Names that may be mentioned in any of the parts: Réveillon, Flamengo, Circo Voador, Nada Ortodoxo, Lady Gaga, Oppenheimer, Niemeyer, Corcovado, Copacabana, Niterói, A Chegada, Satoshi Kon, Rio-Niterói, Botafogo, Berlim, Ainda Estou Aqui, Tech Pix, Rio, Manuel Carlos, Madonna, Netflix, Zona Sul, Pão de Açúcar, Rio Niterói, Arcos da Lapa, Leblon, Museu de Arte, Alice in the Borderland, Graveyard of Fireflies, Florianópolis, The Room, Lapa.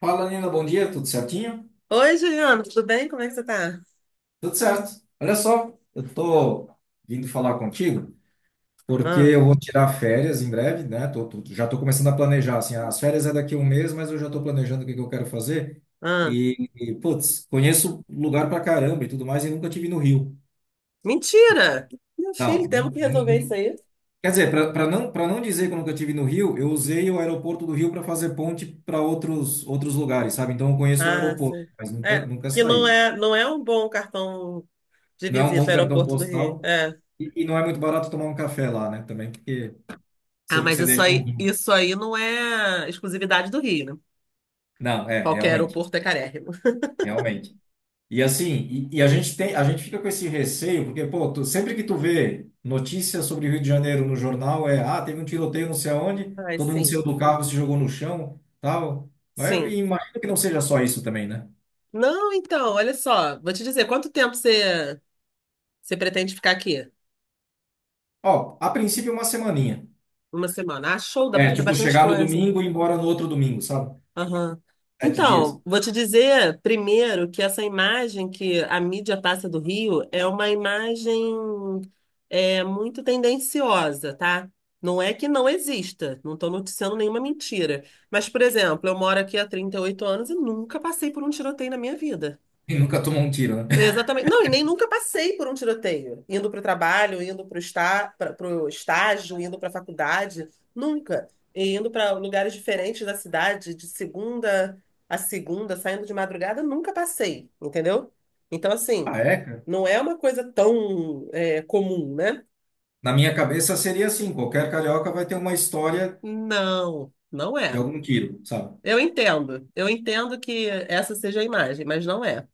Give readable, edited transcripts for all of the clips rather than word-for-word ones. Fala, Nina, bom dia, tudo certinho? Oi, Juliana, tudo bem? Como é que você tá? Tudo certo. Olha só, eu tô vindo falar contigo porque Ah, eu vou tirar férias em breve, né? Já tô começando a planejar, assim, ah, as férias é daqui a um mês, mas eu já tô planejando o que que eu quero fazer. ah. Putz, conheço lugar pra caramba e tudo mais e nunca tive no Rio. Mentira! Meu filho, Não, temos que resolver isso aí. quer dizer, para não dizer que eu nunca tive no Rio, eu usei o aeroporto do Rio para fazer ponte para outros lugares, sabe? Então eu conheço o Ah, aeroporto, sim. mas nunca, É, nunca que não saí. é, não é um bom cartão de Não é um visita bom ao cartão aeroporto do Rio. postal. É. E não é muito barato tomar um café lá, né? Também, porque Ah, você mas você isso deixa aí, um. isso aí não é exclusividade do Rio, né? Não, é, Qualquer realmente, aeroporto é carérrimo. realmente. E assim, e a gente fica com esse receio, porque, pô, sempre que tu vê notícias sobre o Rio de Janeiro no jornal, ah, teve um tiroteio não sei aonde, Ai, todo mundo sim, saiu do carro, se jogou no chão, tal. Mas eu sim. imagino que não seja só isso também, né? Não, então, olha só, vou te dizer, você pretende ficar aqui? Ó, a princípio uma semaninha. Uma semana. Ah, show, dá pra É, fazer tipo, bastante chegar no coisa. domingo e ir embora no outro domingo, sabe? Aham. 7 dias. Então, vou te dizer primeiro que essa imagem que a mídia passa do Rio é uma imagem muito tendenciosa, tá? Não é que não exista, não estou noticiando nenhuma mentira. Mas, por exemplo, eu moro aqui há 38 anos e nunca passei por um tiroteio na minha vida. E nunca tomou um tiro, né? É, exatamente. Não, e nem nunca passei por um tiroteio. Indo para o trabalho, indo para o está, para o estágio, indo para a faculdade. Nunca. E indo para lugares diferentes da cidade, de segunda a segunda, saindo de madrugada, nunca passei, entendeu? Então, assim, Ah, é? não é uma coisa tão, é, comum, né? Na minha cabeça seria assim, qualquer carioca vai ter uma história Não, não de é. algum quilo, sabe? Eu entendo. Eu entendo que essa seja a imagem, mas não é.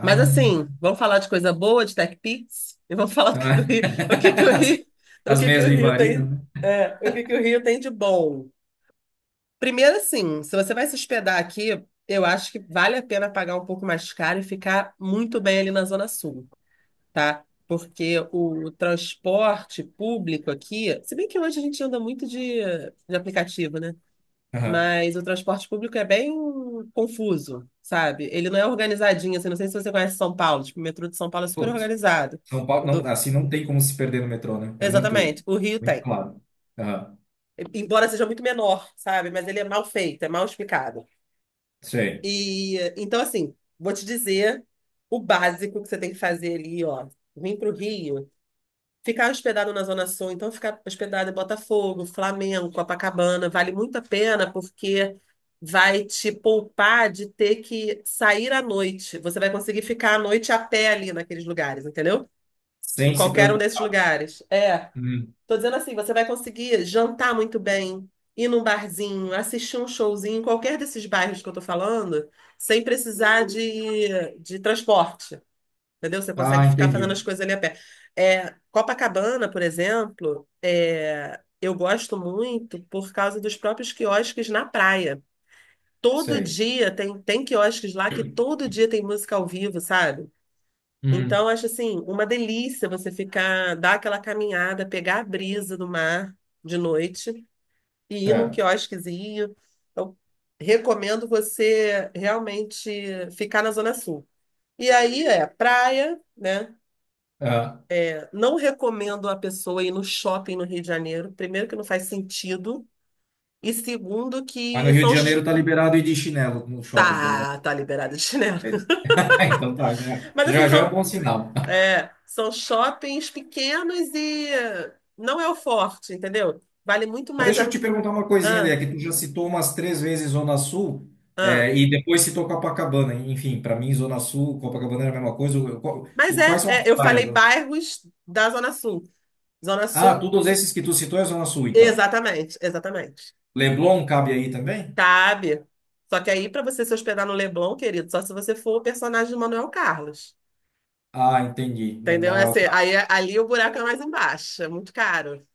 Mas assim, vamos falar de coisa boa, de Tech Pix, e vamos falar do que o ah. Rio, o que que o Rio, o As que que meias o Rio Vivarina, tem, né? é, o que que o Rio tem de bom. Primeiro, assim, se você vai se hospedar aqui, eu acho que vale a pena pagar um pouco mais caro e ficar muito bem ali na Zona Sul, tá? Porque o transporte público aqui, se bem que hoje a gente anda muito de aplicativo, né? Aham. Mas o transporte público é bem confuso, sabe? Ele não é organizadinho, assim, não sei se você conhece São Paulo, tipo, o metrô de São Paulo é super Putz, organizado. São Paulo, O não, do- assim não tem como se perder no metrô, né? É muito, Exatamente, o Rio muito tem. claro. Aham. Embora seja muito menor, sabe? Mas ele é mal feito, é mal explicado. Sei. E então, assim, vou te dizer o básico que você tem que fazer ali, ó. Vim para o Rio. Ficar hospedado na Zona Sul, então ficar hospedado em Botafogo, Flamengo, Copacabana, vale muito a pena porque vai te poupar de ter que sair à noite. Você vai conseguir ficar à noite a pé ali naqueles lugares, entendeu? Em Sem se qualquer um desses preocupar. lugares. É, Hum. tô dizendo assim, você vai conseguir jantar muito bem, ir num barzinho, assistir um showzinho em qualquer desses bairros que eu tô falando, sem precisar de transporte. Entendeu? Você consegue Ah, ficar fazendo as entendi. coisas ali a pé. É, Copacabana, por exemplo, é, eu gosto muito por causa dos próprios quiosques na praia. Todo Sei. dia tem quiosques lá que todo dia tem música ao vivo, sabe? Então, Uhum. eu acho assim, uma delícia você ficar, dar aquela caminhada, pegar a brisa do mar de noite e ir num Certo. quiosquezinho. Então, recomendo você realmente ficar na Zona Sul. E aí é praia, né? Aham. Não recomendo a pessoa ir no shopping no Rio de Janeiro. Primeiro, que não faz sentido. E segundo, Mas no que Rio de são. Janeiro tá liberado ir de chinelo no shopping, pelo Tá, menos. tá liberado de chinelo. Então tá, né? Mas assim, Já já é um são, bom sinal. é, são shoppings pequenos e não é o forte, entendeu? Vale muito Mas mais deixa eu te a. perguntar uma coisinha, Ah, Lê, que tu já citou umas 3 vezes Zona Sul, ah. é, e depois citou Copacabana. Enfim, para mim, Zona Sul, Copacabana era a mesma coisa. Mas Quais é, são as é, eu praias, falei né? bairros da Zona Sul. Zona Ah, Sul, todos esses que tu citou é Zona Sul, então. Exatamente. Leblon cabe aí também? Cabe. Só que aí, para você se hospedar no Leblon, querido, só se você for o personagem de Manuel Carlos. Ah, entendi. Entendeu? Não É é o assim, aí, caso. ali o buraco é mais embaixo, é muito caro.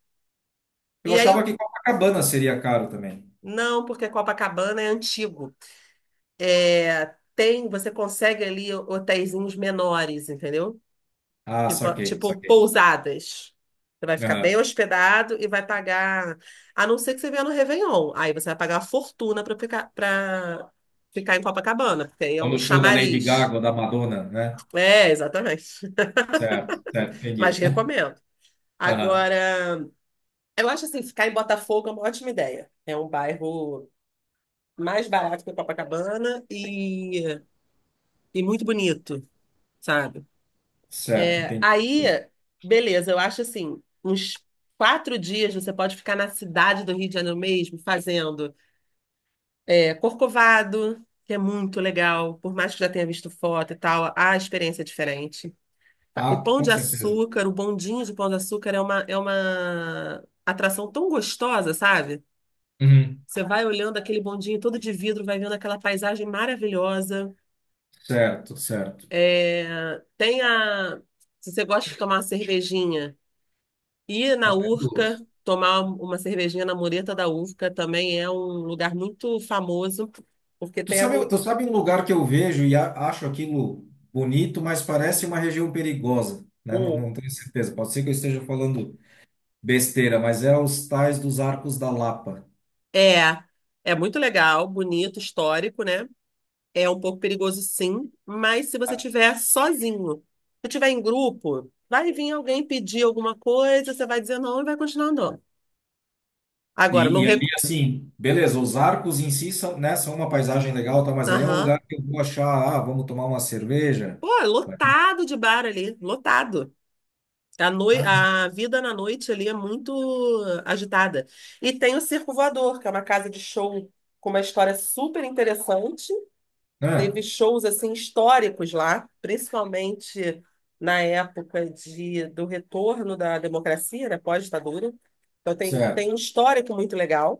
E Eu aí, achava o- que Copacabana seria caro também. não, porque Copacabana é antigo. É, tem, você consegue ali hotéisinhos menores, entendeu? Ah, saquei, Tipo saquei. pousadas. Você vai ficar bem Aham. hospedado e vai pagar, a não ser que você venha no Réveillon. Aí você vai pagar uma fortuna para ficar em Copacabana, porque aí é Ou o no show da Lady chamariz. Gaga ou da Madonna, né? É, exatamente. Certo, certo, Mas entendi. recomendo. Aham. Agora. Eu acho assim, ficar em Botafogo é uma ótima ideia. É um bairro mais barato que Copacabana e muito bonito, sabe? Certo, É, entendi, aí, entendi. beleza, eu acho assim, uns 4 dias você pode ficar na cidade do Rio de Janeiro mesmo, fazendo é, Corcovado, que é muito legal, por mais que já tenha visto foto e tal, a experiência é diferente. O Ah, Pão com de certeza. Açúcar, o bondinho de Pão de Açúcar é é uma atração tão gostosa, sabe? Uhum. Você vai olhando aquele bondinho todo de vidro, vai vendo aquela paisagem maravilhosa. Certo, certo. É, tem a. Se você gosta de tomar uma cervejinha, ir na Até Urca, duas. tomar uma cervejinha na mureta da Urca também é um lugar muito famoso, porque Tu tem a. sabe, Mu- tu sabe um lugar que eu vejo e acho aquilo bonito, mas parece uma região perigosa, né? Não, hum. não tenho certeza. Pode ser que eu esteja falando besteira, mas é os tais dos Arcos da Lapa. É, é muito legal, bonito, histórico, né? É um pouco perigoso, sim, mas se você tiver sozinho, se tiver em grupo, vai vir alguém pedir alguma coisa, você vai dizer não e vai continuar andando. Agora, não E re- ali, assim, beleza, os arcos em si são, né, são uma paisagem legal, tá, mas ali é um Aham. lugar que eu vou achar, ah, vamos tomar uma cerveja. Pô, é Vai ter- lotado de bar ali, lotado. A, noi... Ah, a vida na noite ali é muito agitada. E tem o Circo Voador, que é uma casa de show com uma história super interessante. né? Teve shows assim históricos lá, principalmente na época de... do retorno da democracia, né, pós-ditadura. Então tem... tem Certo. um histórico muito legal.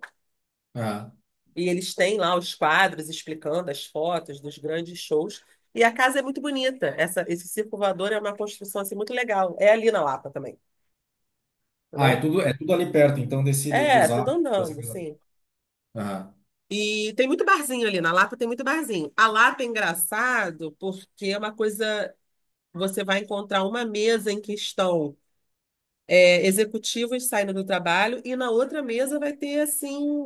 Ah, E eles têm lá os quadros explicando as fotos dos grandes shows. E a casa é muito bonita. Esse circo voador é uma construção assim, muito legal. É ali na Lapa também, Ah, é entendeu? tudo, é tudo ali perto, então, desse, É, dos tudo arcos, dessa andando, coisa. assim. Ah. E tem muito barzinho ali. Na Lapa tem muito barzinho. A Lapa é engraçado porque é uma coisa. Você vai encontrar uma mesa em que estão é, executivos saindo do trabalho e na outra mesa vai ter assim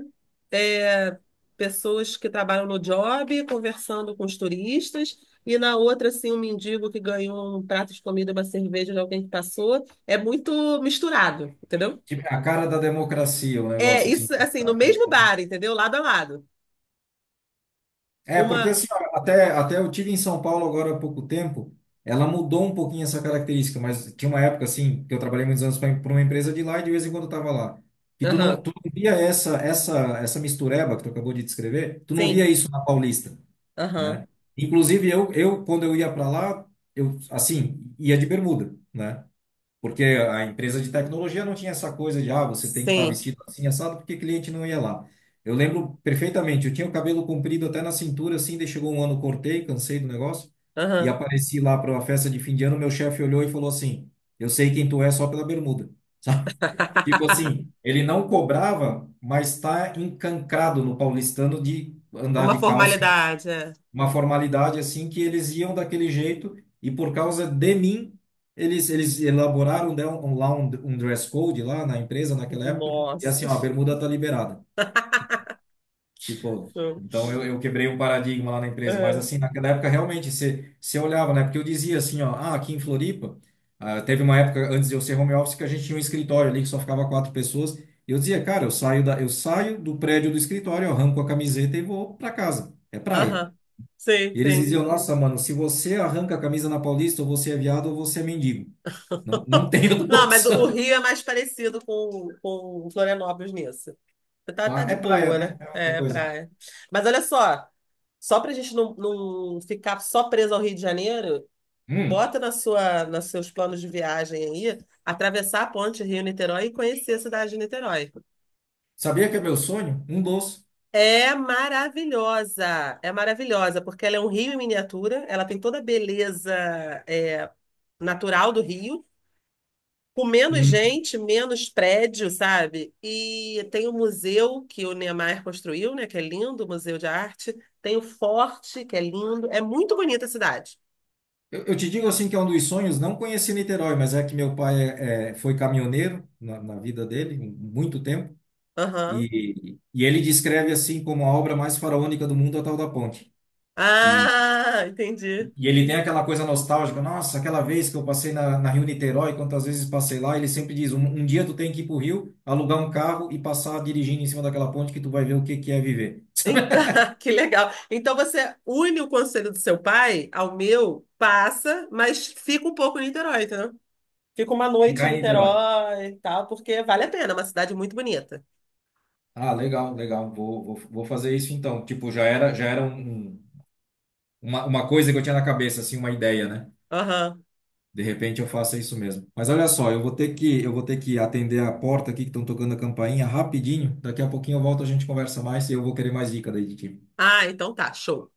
é, pessoas que trabalham no job conversando com os turistas e na outra assim um mendigo que ganhou um prato de comida, uma cerveja de alguém que passou. É muito misturado, entendeu? Tipo, a cara da democracia, o É negócio, assim. isso assim Tá, no tá, mesmo tá. bar, entendeu? Lado a lado. É, porque Uma, assim, ó, até eu tive em São Paulo agora há pouco tempo, ela mudou um pouquinho essa característica, mas tinha uma época, assim, que eu trabalhei muitos anos para uma empresa de lá e de vez em quando eu tava lá. E tu não, aham, tu não via essa mistureba que tu acabou de descrever, tu não sim, via isso na Paulista, aham, né? Inclusive, eu quando eu ia para lá, eu, assim, ia de bermuda, né? Porque a empresa de tecnologia não tinha essa coisa de, ah, você tem que estar sim, vestido assim, assado, porque cliente não ia lá. Eu lembro perfeitamente, eu tinha o cabelo comprido até na cintura, assim, daí chegou um ano, cortei, cansei do negócio, e aham. apareci lá para uma festa de fim de ano, meu chefe olhou e falou assim, eu sei quem tu é só pela bermuda, sabe? Tipo assim, ele não cobrava, mas tá encancrado no paulistano de andar de Uma calça, formalidade. É. uma formalidade assim que eles iam daquele jeito e por causa de mim eles elaboraram, né, um, lá um, um dress code lá na empresa naquela época, e Nossa. assim ó, a bermuda tá liberada, tipo. Então eu quebrei um paradigma lá na empresa, mas É. assim naquela época realmente você olhava, né, porque eu dizia assim, ó, ah, aqui em Floripa, ah, teve uma época antes de eu ser home office que a gente tinha um escritório ali que só ficava quatro pessoas e eu dizia, cara, eu saio do prédio do escritório, eu arranco a camiseta e vou para casa, é praia. Aham. Sim, E eles sim. diziam, nossa, mano, se você arranca a camisa na Paulista, ou você é viado ou você é mendigo. Não, não tem outra Não, mas o opção. Rio é mais parecido com Florianópolis nisso. Tá, tá Pá, de é praia, boa, né? né? É outra É, coisa. praia. Mas olha só, só pra gente não ficar só preso ao Rio de Janeiro, Hum. bota na sua, nos seus planos de viagem aí, atravessar a ponte Rio-Niterói e conhecer a cidade de Niterói. Sabia que é meu sonho? Um doce. É maravilhosa, porque ela é um rio em miniatura, ela tem toda a beleza, é, natural do Rio, com menos Hum. gente, menos prédio, sabe? E tem o museu que o Niemeyer construiu, né? Que é lindo, o Museu de Arte. Tem o Forte, que é lindo. É muito bonita a cidade. Eu te digo assim que é um dos sonhos, não conheci Niterói, mas é que meu pai foi caminhoneiro na vida dele, muito tempo, Aham. e ele descreve assim como a obra mais faraônica do mundo, a tal da ponte. E, Ah, entendi. E ele tem aquela coisa nostálgica, nossa, aquela vez que eu passei na Rio Niterói, quantas vezes passei lá, ele sempre diz, um dia tu tem que ir pro Rio, alugar um carro e passar dirigindo em cima daquela ponte que tu vai ver o que que é viver. Então, que legal. Então você une o conselho do seu pai ao meu, passa, mas fica um pouco em Niterói, entendeu? Fica uma noite em Ficar em Niterói. Niterói e tal, porque vale a pena, é uma cidade muito bonita. Ah, legal, legal, vou fazer isso então. Tipo, já era uma coisa que eu tinha na cabeça, assim, uma ideia, né? Aham. De repente eu faço isso mesmo. Mas olha só, eu vou ter que atender a porta aqui que estão tocando a campainha rapidinho. Daqui a pouquinho eu volto, a gente conversa mais e eu vou querer mais dica daí de ti. Ah, então tá, show.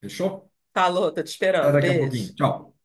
Fechou? Falou, tô te Até esperando. daqui a pouquinho. Beijo. Tchau.